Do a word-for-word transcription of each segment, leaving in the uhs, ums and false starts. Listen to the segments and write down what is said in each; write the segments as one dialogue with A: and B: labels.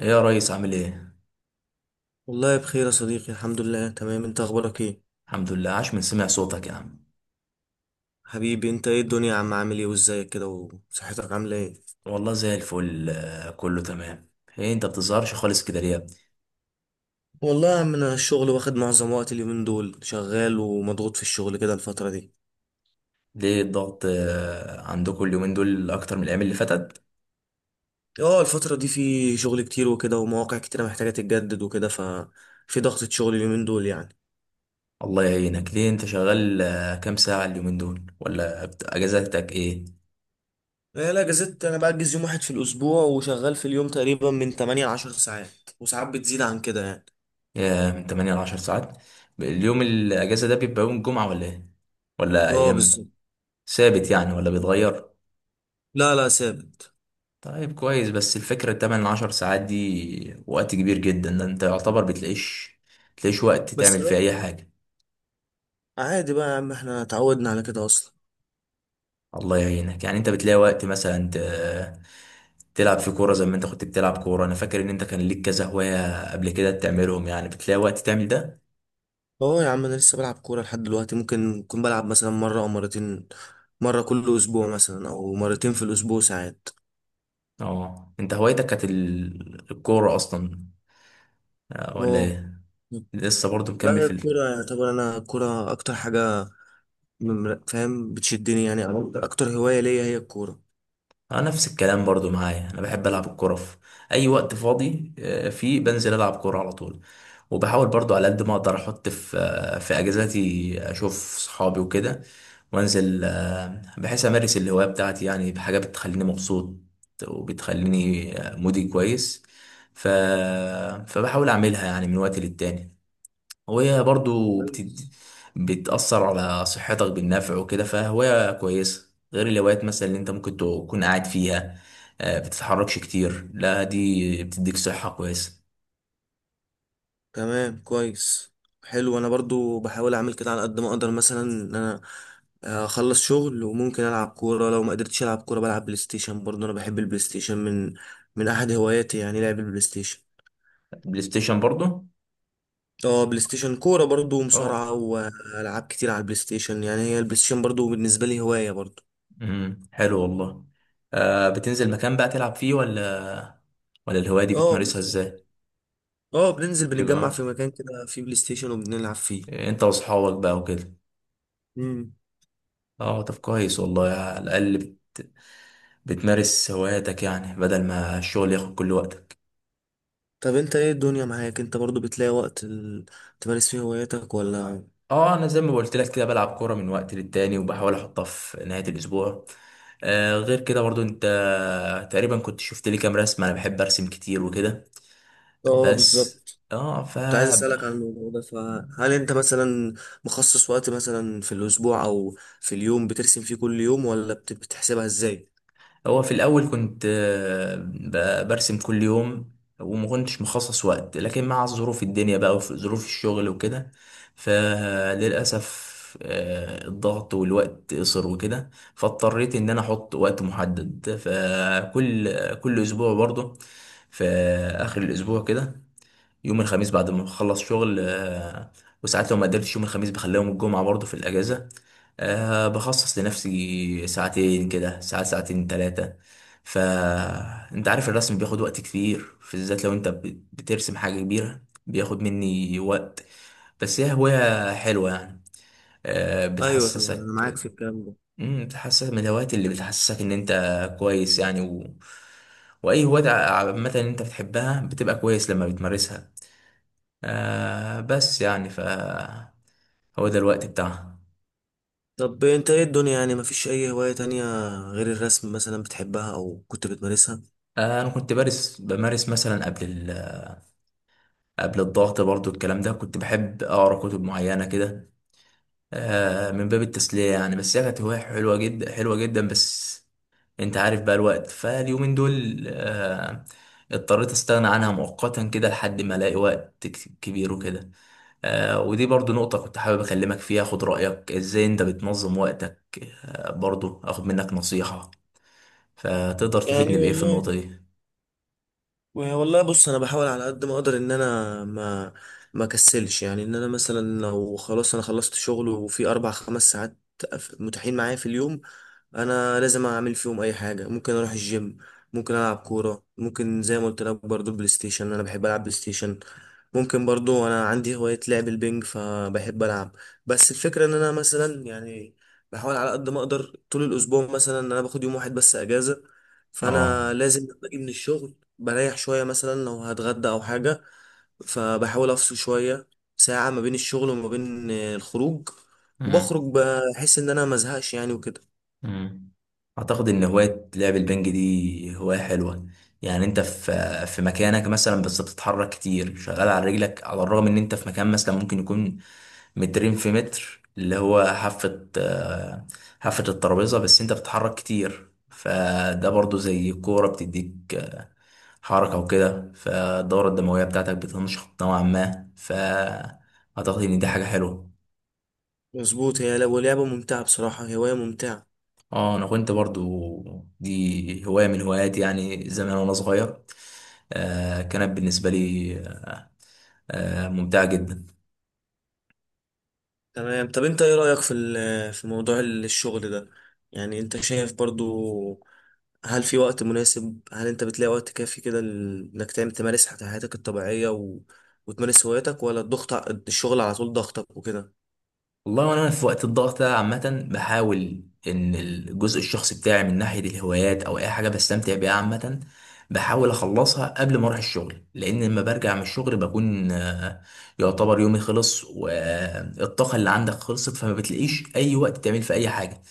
A: ايه يا ريس، عامل ايه؟
B: والله بخير يا صديقي، الحمد لله. تمام، انت اخبارك ايه؟
A: الحمد لله، عاش من سمع صوتك يا عم.
B: حبيبي، انت ايه الدنيا يا عم؟ عامل ايه وازيك كده وصحتك عامله ايه؟
A: والله زي الفل، آه، كله تمام. ايه انت بتظهرش خالص كده ليه يا ابني؟
B: والله يا عم، انا الشغل واخد معظم وقت اليومين دول، شغال ومضغوط في الشغل كده الفتره دي.
A: ليه الضغط آه، عندكم اليومين دول اكتر من الايام اللي فاتت؟
B: اه، الفتره دي في شغل كتير وكده، ومواقع كتيره محتاجه تتجدد وكده، ففي ضغطه شغل اليومين دول يعني.
A: الله يعينك، ليه انت شغال آه، كام ساعة اليومين دول؟ ولا بت- اجازتك ايه؟
B: لا، لا، جزت. انا بأجز يوم واحد في الاسبوع، وشغال في اليوم تقريبا من تمانية ل عشرة ساعات. وساعات بتزيد عن كده يعني.
A: يا من تمانية ل عشر ساعات؟ اليوم الاجازة ده بيبقى يوم الجمعة ولا ايه؟ ولا
B: اه،
A: ايام
B: بالظبط.
A: ثابت يعني ولا بيتغير؟
B: لا، لا، ثابت.
A: طيب كويس، بس الفكرة تمن عشر ساعات دي وقت كبير جدا، ده انت يعتبر بتلاقيش، بتلاقيش وقت
B: بس
A: تعمل فيه
B: بقى.
A: اي حاجة.
B: عادي بقى يا عم، احنا اتعودنا على كده اصلا.
A: الله يعينك، يعني انت بتلاقي وقت مثلا ت- تلعب في كورة زي ما انت كنت بتلعب كورة؟ انا فاكر ان انت كان ليك كذا هواية قبل كده بتعملهم، يعني بتلاقي وقت تعمل ده؟
B: اه يا عم، انا لسه بلعب كوره لحد دلوقتي. ممكن اكون بلعب مثلا مره او مرتين. مره كل اسبوع مثلا، او مرتين في الاسبوع ساعات.
A: اه، انت هوايتك كانت ال- الكورة اصلا آه، ولا
B: اه.
A: ايه؟ لسه برضو
B: لا،
A: مكمل
B: هي
A: في؟
B: الكوره يعتبر، انا الكوره اكتر حاجه. مم- فاهم، بتشدني يعني، أو اكتر أكتر هوايه ليا هي الكوره.
A: اه نفس الكلام برضو معايا، انا بحب العب الكوره في اي وقت فاضي، آه، فيه بنزل العب كوره على طول. وبحاول برضو على قد ما اقدر احط في آه، في اجازاتي اشوف صحابي وكده، وانزل آه، بحيث امارس الهوايه بتاعتي، يعني بحاجه بتخليني مبسوط وبتخليني آه، مودي كويس. ف... فبحاول اعملها يعني من وقت للتاني، وهي برضو بتد...
B: كويس.
A: بتأثر على صحتك بالنفع وكده، فهواية كويسة غير الهوايات مثلا اللي انت ممكن تكون قاعد فيها آه، بتتحركش كتير. لا، دي بتديك صحة كويسة.
B: تمام، كويس. حلو، انا برضو بحاول اعمل كده على قد ما اقدر، مثلا ان انا اخلص شغل وممكن العب كوره. لو ما قدرتش العب كوره بلعب بلاي ستيشن. برضو انا بحب البلاي ستيشن من من احد هواياتي، يعني لعب البلاي ستيشن.
A: بلاي ستيشن برضو؟
B: اه، بلاي ستيشن كورة برضو،
A: اه.
B: ومصارعة، وألعاب كتير على البلاي ستيشن يعني. هي البلاي ستيشن برضو بالنسبة لي هواية برضو.
A: امم حلو والله. آه بتنزل مكان بقى تلعب فيه، ولا ولا الهواية دي
B: اه
A: بتمارسها
B: بس.
A: ازاي؟
B: اه، بننزل بنتجمع في
A: بيبقى
B: مكان كده فيه بلاي ستيشن وبنلعب فيه.
A: انت واصحابك بقى وكده؟
B: مم.
A: اه، طب كويس والله، على الأقل بت... بتمارس هواياتك يعني بدل ما الشغل ياخد كل وقتك.
B: طب انت ايه الدنيا معاك؟ انت برضو بتلاقي وقت ال... تمارس فيه هواياتك ولا؟
A: اه انا زي ما قلت لك كده، بلعب كوره من وقت للتاني وبحاول احطها في نهايه الاسبوع. آه غير كده برضو انت تقريبا كنت شفت لي كام رسمه، انا بحب ارسم كتير وكده.
B: اه،
A: بس
B: بالظبط.
A: اه ف
B: كنت عايز اسألك عن الموضوع ده. فهل انت مثلا مخصص وقت مثلا في الاسبوع او في اليوم بترسم فيه كل يوم، ولا بت- بتحسبها ازاي؟
A: هو في الأول كنت آه، ب- برسم كل يوم، وما كنتش مخصص وقت، لكن مع ظروف الدنيا بقى وظروف الشغل وكده فللأسف آه، الضغط والوقت قصر وكده. فاضطريت إن أنا أحط وقت محدد فكل كل أسبوع برضه، في آخر الأسبوع كده، يوم الخميس بعد ما بخلص شغل. آه، وساعات لو ما قدرتش يوم الخميس بخليهم الجمعة برضه في الأجازة. آه، بخصص لنفسي ساعتين كده، ساعة ساعتين تلاتة. فأنت عارف الرسم بياخد وقت كتير، في بالذات لو أنت بت- بترسم حاجة كبيرة بياخد مني وقت. بس هي هواية حلوة يعني، آه،
B: ايوه طبعا، انا معاك
A: بتحسسك.
B: في الكلام ده.
A: مم، بتحسسك من الهوايات اللي بتحسسك إن أنت كويس يعني و... وأي هواية عامة أنت بتحبها بتبقى كويس لما بتمارسها. آه بس يعني ف هو ده الوقت بتاعها.
B: طب انت ايه الدنيا يعني؟ مفيش اي هواية تانية غير الرسم مثلا بتحبها او كنت بتمارسها؟
A: آه انا كنت بارس بمارس مثلا قبل ال... قبل الضغط برضو، الكلام ده كنت بحب اقرا كتب معينه كده آه من باب التسليه يعني، بس هي كانت هوايه حلوه جدا، حلوه جدا، بس انت عارف بقى الوقت فاليومين دول آه اضطريت استغنى عنها مؤقتا كده لحد ما الاقي وقت ك- كبير وكده. آه ودي برضو نقطه كنت حابب اكلمك فيها، اخد رايك ازاي انت بتنظم وقتك، آه برضو اخد منك نصيحه، فتقدر
B: يعني
A: تفيدني بإيه في
B: والله.
A: النقطة دي؟
B: والله بص، انا بحاول على قد ما اقدر ان انا ما ما كسلش، يعني ان انا مثلا لو خلاص انا خلصت شغل، وفي اربع خمس ساعات متاحين معايا في اليوم، انا لازم اعمل فيهم اي حاجه. ممكن اروح الجيم، ممكن العب كوره، ممكن زي ما قلت لك برضو بلاي ستيشن، انا بحب العب بلاي ستيشن. ممكن برضو انا عندي هوايه لعب البنج فبحب العب. بس الفكره ان انا مثلا يعني، بحاول على قد ما اقدر طول الاسبوع مثلا ان انا باخد يوم واحد بس اجازه.
A: اه.
B: فانا لازم لما اجي من الشغل بريح شويه، مثلا لو هتغدى او حاجه. فبحاول افصل شويه، ساعه ما بين الشغل وما بين الخروج. وبخرج
A: امم
B: بحيث ان انا مزهقش يعني وكده.
A: امم أعتقد إن هواية لعب البنج دي هواية حلوة، يعني أنت في في مكانك مثلا بس بتتحرك كتير، شغال على رجلك، على الرغم إن أنت في مكان مثلا ممكن يكون مترين في متر، اللي هو حافة آه، حافة الترابيزة، بس أنت بتتحرك كتير، فده برضو زي كورة بتديك آه، حركة وكده، فالدورة الدموية بتاعتك بتنشط نوعا ما، فأعتقد إن دي حاجة حلوة.
B: مظبوط، هي لو لعبة ممتعة بصراحة، هواية ممتعة.
A: اه انا كنت برضو، دي هواية من هواياتي يعني زمان وانا صغير، آه كانت بالنسبة لي آه آه ممتعة جدا.
B: تمام. طب انت ايه رأيك في ال- في موضوع ال- الشغل ده؟ يعني انت شايف برضو، هل في وقت مناسب؟ هل انت بتلاقي وقت كافي كده ل- انك تعمل تمارس حت- حياتك الطبيعية و... وتمارس هواياتك، ولا الضغط ع- الشغل على طول ضغطك وكده؟
A: والله وانا في وقت الضغط ده عامة بحاول ان الجزء الشخصي بتاعي من ناحية الهوايات او اي حاجة بستمتع بيها عامة، بحاول اخلصها قبل ما اروح الشغل، لان لما برجع من الشغل بكون آه يعتبر يومي خلص والطاقة اللي عندك خلصت، فما بتلاقيش اي وقت تعمل في اي حاجة.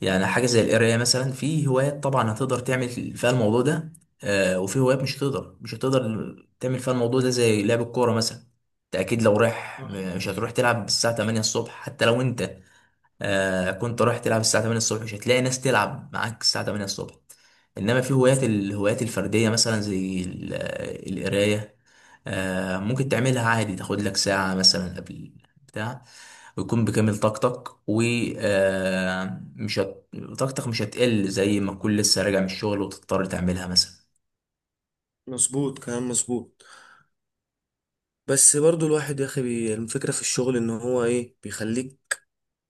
A: يعني حاجة زي القراية مثلا، في هوايات طبعا هتقدر تعمل فيها الموضوع ده آه، وفي هوايات مش هتقدر، مش هتقدر تعمل فيها الموضوع ده زي لعب الكورة مثلا. انت اكيد لو رايح
B: صح.
A: مش هتروح تلعب الساعة تمانية الصبح، حتى لو انت آه كنت رايح تلعب الساعة تمانية الصبح مش هتلاقي ناس تلعب معاك الساعة تمانية الصبح. انما في هوايات،
B: مظ-
A: الهوايات الفردية مثلا زي ال- القراية، آه ممكن تعملها عادي، تاخد لك ساعة مثلا قبل بتاع، ويكون بكامل طاقتك و آه، مش هت... طاقتك مش هتقل زي ما تكون لسه راجع من الشغل وتضطر تعملها مثلا.
B: مظبوط، كلام مظبوط. بس برضو الواحد يا اخي، بي- الفكرة في الشغل ان هو ايه بيخليك،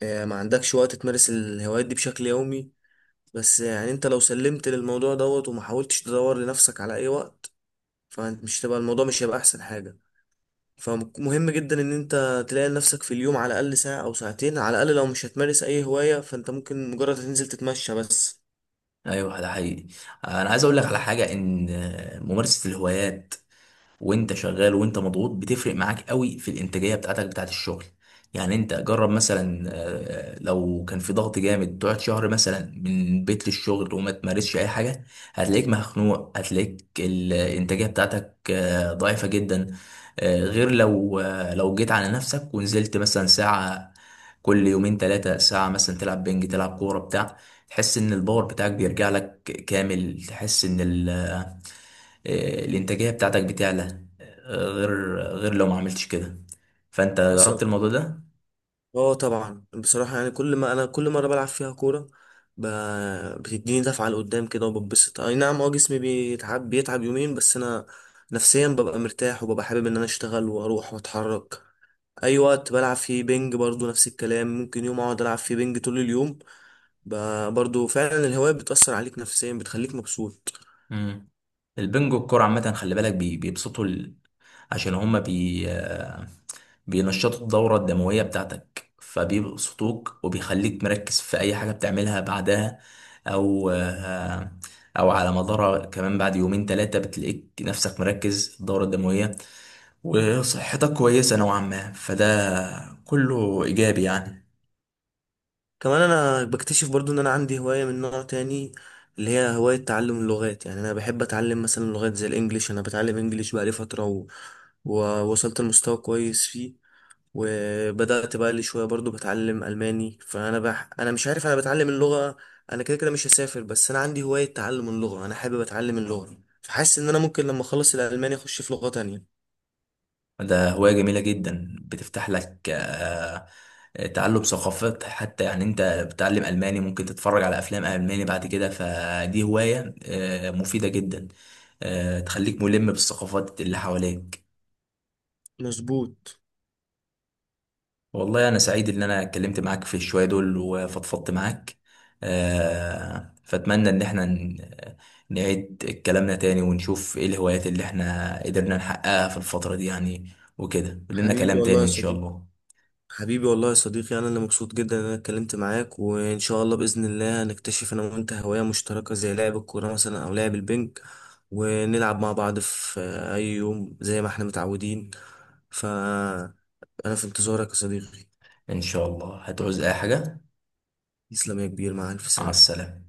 B: آه، ما عندكش وقت تمارس الهوايات دي بشكل يومي. بس يعني انت لو سلمت للموضوع دوت، وما حاولتش تدور لنفسك على اي وقت، فمش تبقى، الموضوع مش هيبقى احسن حاجة. فمهم جدا ان انت تلاقي لنفسك في اليوم على الاقل ساعة او ساعتين، على الاقل لو مش هتمارس اي هواية فانت ممكن مجرد تنزل تتمشى بس.
A: ايوه ده حقيقي. انا عايز اقول لك على حاجه، ان آه، ممارسه الهوايات وانت شغال وانت مضغوط بتفرق معاك قوي في الانتاجيه بتاعتك بتاعت الشغل. يعني انت جرب مثلا آه، آه، لو كان في ضغط جامد تقعد شهر مثلا من البيت للشغل وما تمارسش اي حاجه، هتلاقيك مخنوق، هتلاقيك الانتاجيه بتاعتك آه، ضعيفه جدا، آه، غير لو آه، لو جيت على نفسك ونزلت مثلا ساعه كل يومين ثلاثه، ساعه مثلا تلعب بنج، تلعب كوره بتاع، تحس ان الباور بتاعك بيرجع لك كامل، تحس ان ال آه، آه، الانتاجيه بتاعتك بتعلى آه، غير غير لو ما عملتش كده. فانت جربت
B: حصل.
A: الموضوع ده؟
B: اه طبعا، بصراحة يعني كل ما انا كل مرة بلعب فيها كورة، ب... بتديني دفعة لقدام كده وبتبسط. اي نعم، اه جسمي بيتعب بيتعب يومين، بس انا نفسيا ببقى مرتاح، وببقى حابب ان انا اشتغل واروح واتحرك. اي وقت بلعب فيه بينج برضو نفس الكلام. ممكن يوم اقعد العب فيه بينج طول اليوم. ب- برضو فعلا الهواية بتأثر عليك نفسيا، بتخليك مبسوط.
A: امم البنجو الكوره عامه خلي بالك، بي- بيبسطوا ال... عشان هما بي آه، بينشطوا الدورة الدموية بتاعتك، فبيبسطوك وبيخليك مركز في أي حاجة بتعملها بعدها، أو آه، أو على مدار كمان بعد يومين تلاتة بتلاقيك نفسك مركز، الدورة الدموية وصحتك كويسة نوعا ما، فده كله إيجابي يعني.
B: كمان انا بكتشف برضو ان انا عندي هواية من نوع تاني، اللي هي هواية تعلم اللغات. يعني انا بحب اتعلم مثلا لغات زي الانجليش. انا بتعلم انجليش بقالي فترة و... ووصلت لمستوى كويس فيه. وبدأت بقى لي شوية برضو بتعلم ألماني. فأنا بح... أنا مش عارف، أنا بتعلم اللغة. أنا كده كده مش هسافر، بس أنا عندي هواية تعلم اللغة، أنا حابب أتعلم اللغة. فحاسس إن أنا ممكن لما أخلص الألماني أخش في لغة تانية.
A: ده هواية جميلة جدا، بتفتح لك آه، تعلم ثقافات حتى، يعني انت بتتعلم ألماني ممكن تتفرج على أفلام ألماني بعد كده، فدي هواية آه، مفيدة جدا، آه، تخليك ملم بالثقافات اللي حواليك.
B: مظبوط.
A: والله أنا سعيد إن أنا اتكلمت معاك في الشوية دول وفضفضت معاك، آه، فأتمنى إن احنا ن- نعيد كلامنا تاني ونشوف ايه الهوايات اللي احنا قدرنا نحققها في الفترة دي يعني، وكده لنا
B: حبيبي
A: كلام
B: والله
A: تاني
B: يا
A: إن شاء
B: صديقي.
A: الله.
B: حبيبي والله يا صديقي، أنا اللي مبسوط جدا إن أنا اتكلمت معاك. وإن شاء الله بإذن الله هنكتشف أنا وأنت هواية مشتركة زي لعب الكورة مثلا، أو لعب البنج. ونلعب مع بعض في أي يوم زي ما إحنا متعودين. فأنا في انتظارك يا صديقي.
A: ان شاء الله هتعوز اي حاجه.
B: تسلم يا كبير، مع ألف
A: مع
B: سلامة.
A: السلامه.